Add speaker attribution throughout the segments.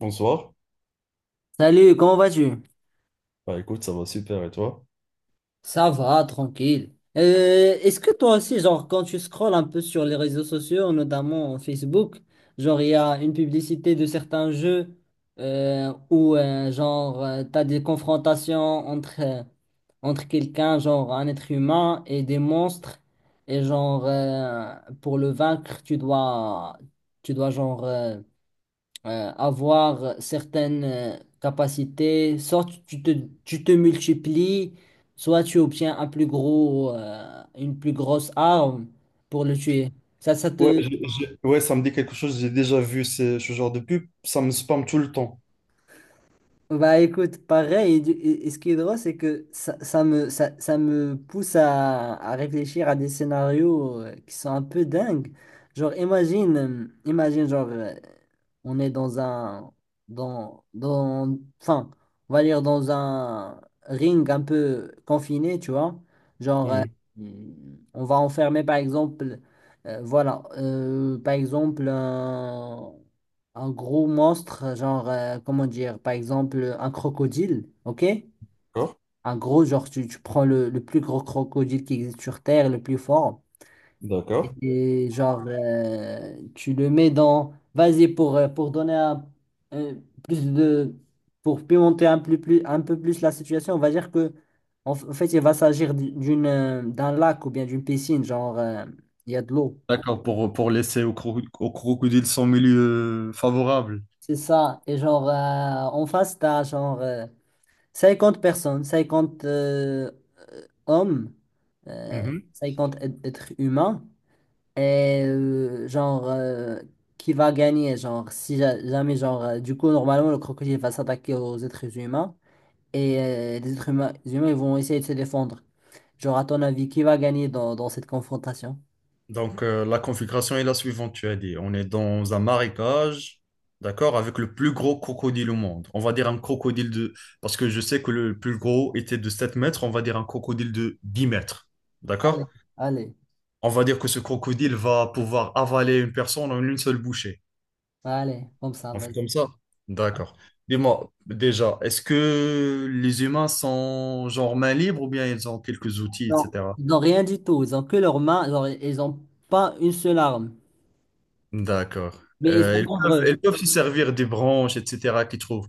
Speaker 1: Bonsoir.
Speaker 2: Salut, comment vas-tu?
Speaker 1: Bah écoute, ça va super et toi?
Speaker 2: Ça va, tranquille. Est-ce que toi aussi, genre, quand tu scrolles un peu sur les réseaux sociaux, notamment Facebook, genre, il y a une publicité de certains jeux où, genre, t'as des confrontations entre quelqu'un, genre, un être humain et des monstres. Et genre, pour le vaincre, tu dois, genre, avoir certaines capacités, soit tu te multiplies, soit tu obtiens une plus grosse arme pour le tuer. Ça
Speaker 1: Ouais,
Speaker 2: te.
Speaker 1: ouais, ça me dit quelque chose. J'ai déjà vu ce genre de pub. Ça me spamme tout le temps.
Speaker 2: Bah écoute, pareil, et ce qui est drôle, c'est que ça, ça me pousse à réfléchir à des scénarios qui sont un peu dingues. Genre, imagine, genre, on est dans enfin, on va dire dans un ring un peu confiné, tu vois. Genre,
Speaker 1: Mhm.
Speaker 2: on va enfermer, par exemple, voilà, par exemple, un gros monstre, genre, comment dire, par exemple, un crocodile, ok?
Speaker 1: D'accord.
Speaker 2: Un gros, genre, tu prends le plus gros crocodile qui existe sur Terre, le plus fort,
Speaker 1: D'accord.
Speaker 2: et genre, tu le mets dans. Vas-y, pour donner un, euh, plus de. Pour pimenter un peu plus la situation, on va dire que, en fait, il va s'agir d'un lac ou bien d'une piscine, genre, il y a de l'eau.
Speaker 1: D'accord, pour laisser au crocodile son milieu favorable.
Speaker 2: C'est ça. Et genre, en face, t'as genre, 50 personnes, 50 hommes, euh,
Speaker 1: Mhm.
Speaker 2: 50 êtres humains, et genre, qui va gagner, genre, si jamais, genre, du coup, normalement, le crocodile va s'attaquer aux êtres humains, et les humains, ils vont essayer de se défendre. Genre, à ton avis, qui va gagner dans cette confrontation?
Speaker 1: Donc la configuration est la suivante, tu as dit. On est dans un marécage, d'accord, avec le plus gros crocodile au monde. On va dire un crocodile de... Parce que je sais que le plus gros était de 7 mètres, on va dire un crocodile de 10 mètres.
Speaker 2: Allez,
Speaker 1: D'accord?
Speaker 2: allez,
Speaker 1: On va dire que ce crocodile va pouvoir avaler une personne en une seule bouchée.
Speaker 2: allez, comme ça,
Speaker 1: On fait
Speaker 2: vas-y.
Speaker 1: comme ça? D'accord. Dis-moi, déjà, est-ce que les humains sont genre main libre ou bien ils ont quelques outils,
Speaker 2: Non.
Speaker 1: etc.
Speaker 2: Ils n'ont rien du tout, ils ont que leurs mains, genre, ils n'ont pas une seule arme,
Speaker 1: D'accord.
Speaker 2: mais ils sont
Speaker 1: Ils peuvent,
Speaker 2: nombreux.
Speaker 1: ils peuvent se servir des branches, etc. qu'ils trouvent.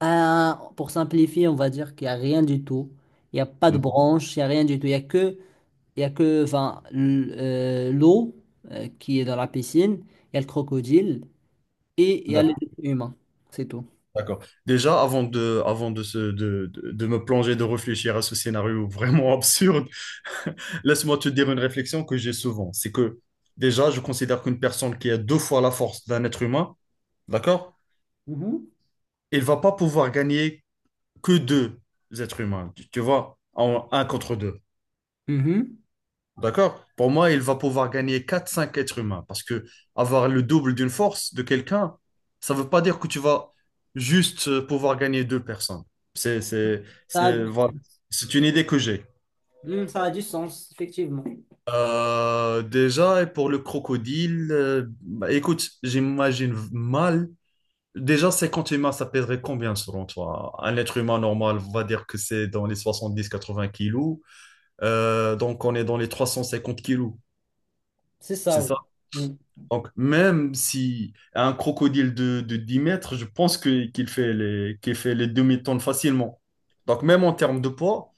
Speaker 2: Pour simplifier, on va dire qu'il n'y a rien du tout. Il n'y a pas de
Speaker 1: Mhm.
Speaker 2: branche, il n'y a rien du tout. Il n'y a que, enfin, l'eau qui est dans la piscine, il y a le crocodile et il y a les
Speaker 1: D'ac-
Speaker 2: humains. C'est tout.
Speaker 1: D'accord. Déjà, avant de me plonger, de réfléchir à ce scénario vraiment absurde, laisse-moi te dire une réflexion que j'ai souvent. C'est que déjà, je considère qu'une personne qui a deux fois la force d'un être humain, d'accord?
Speaker 2: Mhm.
Speaker 1: Il va pas pouvoir gagner que deux êtres humains, tu vois, en un contre deux.
Speaker 2: Mhm.
Speaker 1: D'accord? Pour moi, il va pouvoir gagner quatre, cinq êtres humains parce que avoir le double d'une force de quelqu'un, ça veut pas dire que tu vas juste pouvoir gagner deux personnes. C'est, c'est,
Speaker 2: Ça a du
Speaker 1: c'est, voilà.
Speaker 2: sens.
Speaker 1: C'est une idée que j'ai.
Speaker 2: Mm, ça a du sens, effectivement.
Speaker 1: Déjà, et pour le crocodile, bah, écoute, j'imagine mal. Déjà, 50 humains, ça pèserait combien selon toi? Un être humain normal, on va dire que c'est dans les 70, 80 kilos. Donc, on est dans les 350 kilos,
Speaker 2: C'est ça,
Speaker 1: c'est ça?
Speaker 2: oui. Mm.
Speaker 1: Donc, même si un crocodile de 10 mètres, je pense que qu'il fait les demi-tonnes facilement. Donc, même en termes de poids,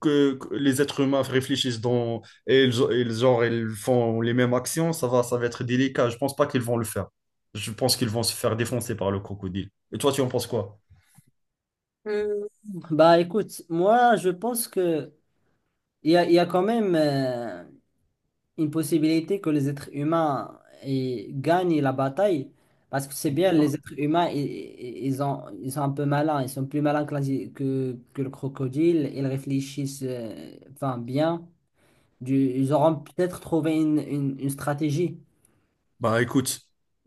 Speaker 1: que les êtres humains réfléchissent dans, et genre, ils font les mêmes actions, ça va être délicat. Je pense pas qu'ils vont le faire. Je pense qu'ils vont se faire défoncer par le crocodile. Et toi, tu en penses quoi?
Speaker 2: Bah écoute, moi je pense que il y a quand même, une possibilité que les êtres humains, gagnent la bataille. Parce que c'est bien, les êtres humains, ils sont un peu malins, ils sont plus malins que, la- si, que le crocodile, ils réfléchissent enfin, bien. Ils auront peut-être trouvé une stratégie.
Speaker 1: Bah écoute,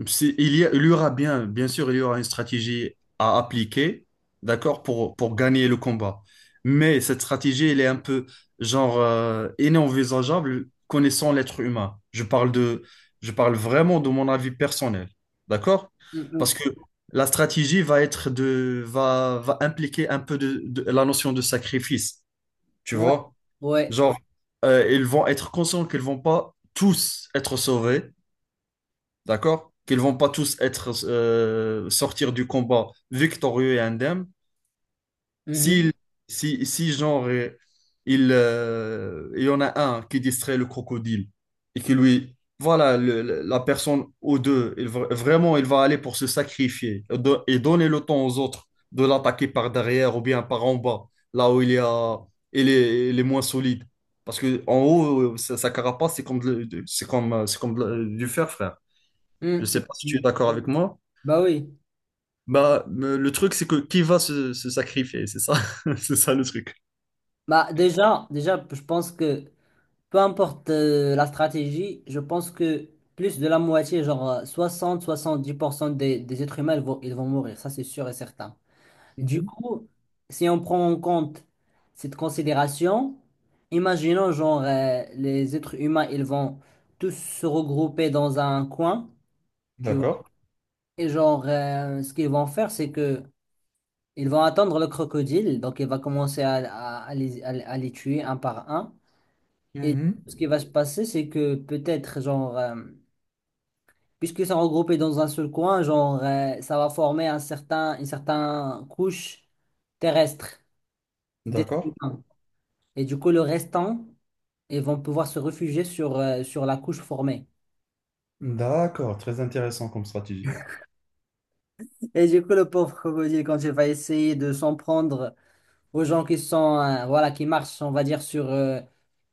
Speaker 1: il y aura bien, bien sûr, il y aura une stratégie à appliquer, d'accord, pour gagner le combat. Mais cette stratégie, elle est un peu, genre, inenvisageable connaissant l'être humain. Je parle vraiment de mon avis personnel, d'accord?
Speaker 2: Mm,
Speaker 1: Parce que la stratégie va impliquer un peu de la notion de sacrifice, tu
Speaker 2: mm. Ouais.
Speaker 1: vois?
Speaker 2: Ouais.
Speaker 1: Genre, ils vont être conscients qu'ils vont pas tous être sauvés, d'accord? Qu'ils vont pas tous être sortir du combat victorieux et indemne.
Speaker 2: Mhm.
Speaker 1: Si, si, genre, il y en a un qui distrait le crocodile et qui lui voilà la personne ou deux, vraiment il va aller pour se sacrifier et et donner le temps aux autres de l'attaquer par derrière ou bien par en bas, là où il y a il est moins solide. Parce que en haut, sa carapace, c'est comme du fer, frère.
Speaker 2: Mm,
Speaker 1: Je
Speaker 2: mm,
Speaker 1: sais pas si tu es
Speaker 2: mm.
Speaker 1: d'accord avec moi.
Speaker 2: Bah oui.
Speaker 1: Bah, le truc, c'est que qui va se sacrifier, c'est ça, c'est ça le truc.
Speaker 2: Bah déjà, je pense que peu importe la stratégie, je pense que plus de la moitié, genre 60-70% des êtres humains, ils vont mourir, ça c'est sûr et certain. Du coup, si on prend en compte cette considération, imaginons genre les êtres humains, ils vont tous se regrouper dans un coin, tu vois,
Speaker 1: D'accord.
Speaker 2: et genre ce qu'ils vont faire, c'est que ils vont attendre le crocodile, donc il va commencer à les tuer un par un. Et
Speaker 1: Mhm.
Speaker 2: ce qui va se passer, c'est que peut-être, genre, puisque c'est regroupé dans un seul coin, genre, ça va former une certaine couche terrestre d'êtres
Speaker 1: D'accord.
Speaker 2: humains. Et du coup, le restant, ils vont pouvoir se réfugier sur la couche formée.
Speaker 1: D'accord. Très intéressant comme stratégie.
Speaker 2: Et du coup, le pauvre crocodile, quand il va essayer de s'en prendre aux gens qui sont, voilà, qui marchent, on va dire, sur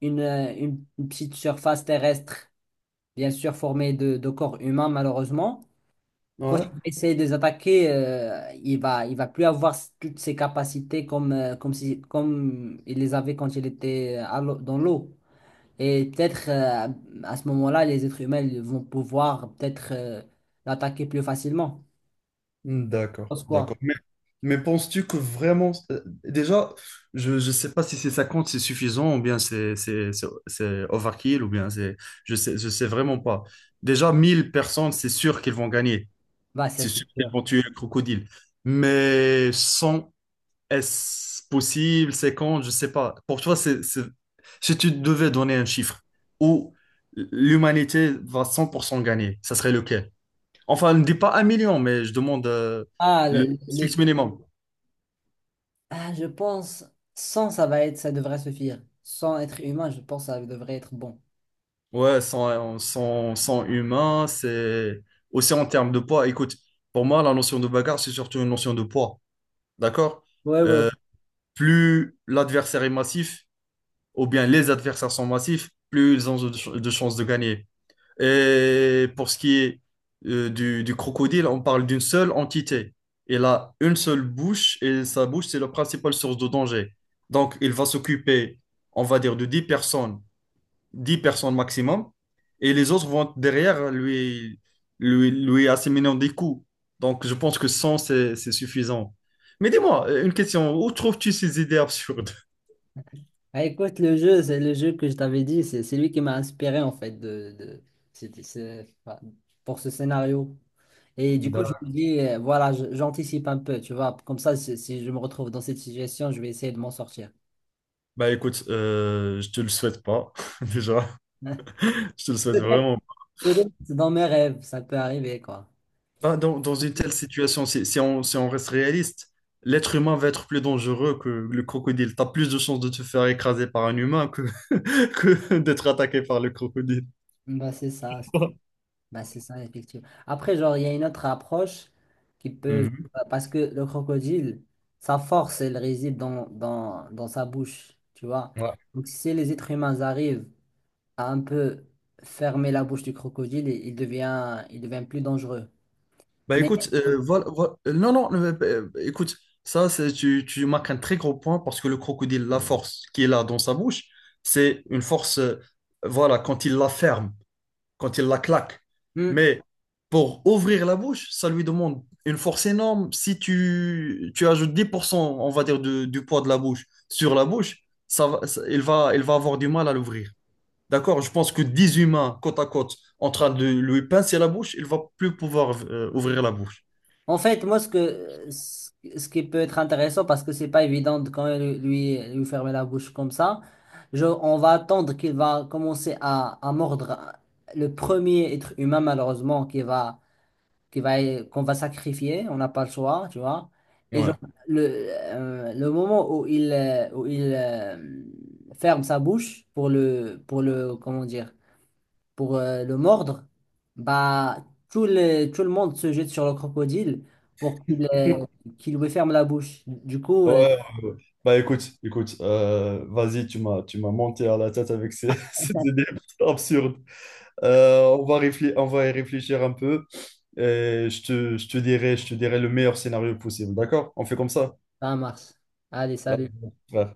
Speaker 2: une petite surface terrestre, bien sûr formée de corps humains, malheureusement. Quand
Speaker 1: Ouais.
Speaker 2: il va essayer de les attaquer, il va plus avoir toutes ses capacités comme si, comme il les avait quand il était dans l'eau. Et peut-être à ce moment-là, les êtres humains ils vont pouvoir peut-être l'attaquer plus facilement. Je
Speaker 1: D'accord.
Speaker 2: pense
Speaker 1: D'accord.
Speaker 2: quoi?
Speaker 1: Mais, penses-tu que vraiment... déjà, je ne sais pas si c'est 50, c'est suffisant, ou bien c'est overkill, ou bien c'est... Je sais vraiment pas. Déjà, 1000 personnes, c'est sûr qu'ils vont gagner.
Speaker 2: Bah, ça
Speaker 1: C'est
Speaker 2: c'est
Speaker 1: sûr qu'ils
Speaker 2: sûr.
Speaker 1: vont tuer le crocodile. Mais 100. Est-ce possible? C'est quand? Je sais pas. Pour toi, si tu devais donner un chiffre où l'humanité va 100% gagner, ça serait lequel? Enfin, ne dis pas 1 million, mais je demande
Speaker 2: Ah,
Speaker 1: le
Speaker 2: le- le- les
Speaker 1: strict
Speaker 2: gens-
Speaker 1: minimum.
Speaker 2: ah, je pense, sans ça va être, ça devrait suffire. Sans être humain, je pense que ça devrait être bon.
Speaker 1: Ouais, sans humain, c'est aussi en termes de poids. Écoute, pour moi, la notion de bagarre, c'est surtout une notion de poids. D'accord?
Speaker 2: Ouais, ouais. Ouais.
Speaker 1: Plus l'adversaire est massif, ou bien les adversaires sont massifs, plus ils ont de chances de gagner. Et pour ce qui est du crocodile, on parle d'une seule entité. Il a une seule bouche et sa bouche, c'est la principale source de danger. Donc, il va s'occuper, on va dire, de 10 personnes, 10 personnes maximum, et les autres vont derrière lui, lui asséminer des coups. Donc, je pense que 100 c'est suffisant. Mais dis-moi, une question, où trouves-tu ces idées absurdes?
Speaker 2: Ah, écoute, le jeu, c'est le jeu que je t'avais dit, c'est lui qui m'a inspiré en fait enfin, pour ce scénario. Et du coup, je me
Speaker 1: D'accord.
Speaker 2: dis, voilà, j'anticipe un peu, tu vois, comme ça, si je me retrouve dans cette situation, je vais essayer de m'en sortir.
Speaker 1: Bah écoute, je te le souhaite pas, déjà. Je te le souhaite
Speaker 2: Peut-être,
Speaker 1: vraiment.
Speaker 2: peut-être dans mes rêves, ça peut arriver, quoi.
Speaker 1: Bah, dans une telle situation, si on reste réaliste, l'être humain va être plus dangereux que le crocodile. T'as plus de chances de te faire écraser par un humain que, que d'être attaqué par le crocodile.
Speaker 2: Bah, c'est ça. Bah, c'est ça, effectivement. Après, genre, il y a une autre approche qui peut.
Speaker 1: Mhm.
Speaker 2: Parce que le crocodile, sa force, elle réside dans sa bouche, tu vois.
Speaker 1: Ouais.
Speaker 2: Donc, si les êtres humains arrivent à un peu fermer la bouche du crocodile, il devient plus dangereux.
Speaker 1: Bah
Speaker 2: Mais,
Speaker 1: écoute, voilà, non, non, écoute, tu marques un très gros point parce que le crocodile, la force qu'il a dans sa bouche, c'est une force, voilà, quand il la ferme, quand il la claque.
Speaker 2: hmm,
Speaker 1: Mais pour ouvrir la bouche, ça lui demande une force énorme. Si tu ajoutes 10%, on va dire, du poids de la bouche sur la bouche, il va avoir du mal à l'ouvrir. D'accord? Je pense que 10 humains côte à côte en train de lui pincer la bouche, il va plus pouvoir ouvrir la bouche.
Speaker 2: en fait, moi, ce que, ce ce qui peut être intéressant, parce que c'est pas évident de quand même lui fermer la bouche comme ça, on va attendre qu'il va commencer à mordre le premier être humain, malheureusement, qu'on va sacrifier. On n'a pas le choix, tu vois. Et genre,
Speaker 1: Ouais.
Speaker 2: le, le moment où il ferme sa bouche pour le, comment dire, pour le mordre, bah, tout le monde se jette sur le crocodile pour qu'il
Speaker 1: Ouais,
Speaker 2: euh, qu'il lui ferme la bouche. Du coup,
Speaker 1: ouais, ouais. Bah écoute, vas-y, tu m'as monté à la tête avec ces, ces idées absurdes. On va réfléchir, on va y réfléchir un peu. Et je te dirai le meilleur scénario possible. D'accord? On fait comme ça.
Speaker 2: ça marche. Allez,
Speaker 1: Ouais.
Speaker 2: salut.
Speaker 1: Ouais.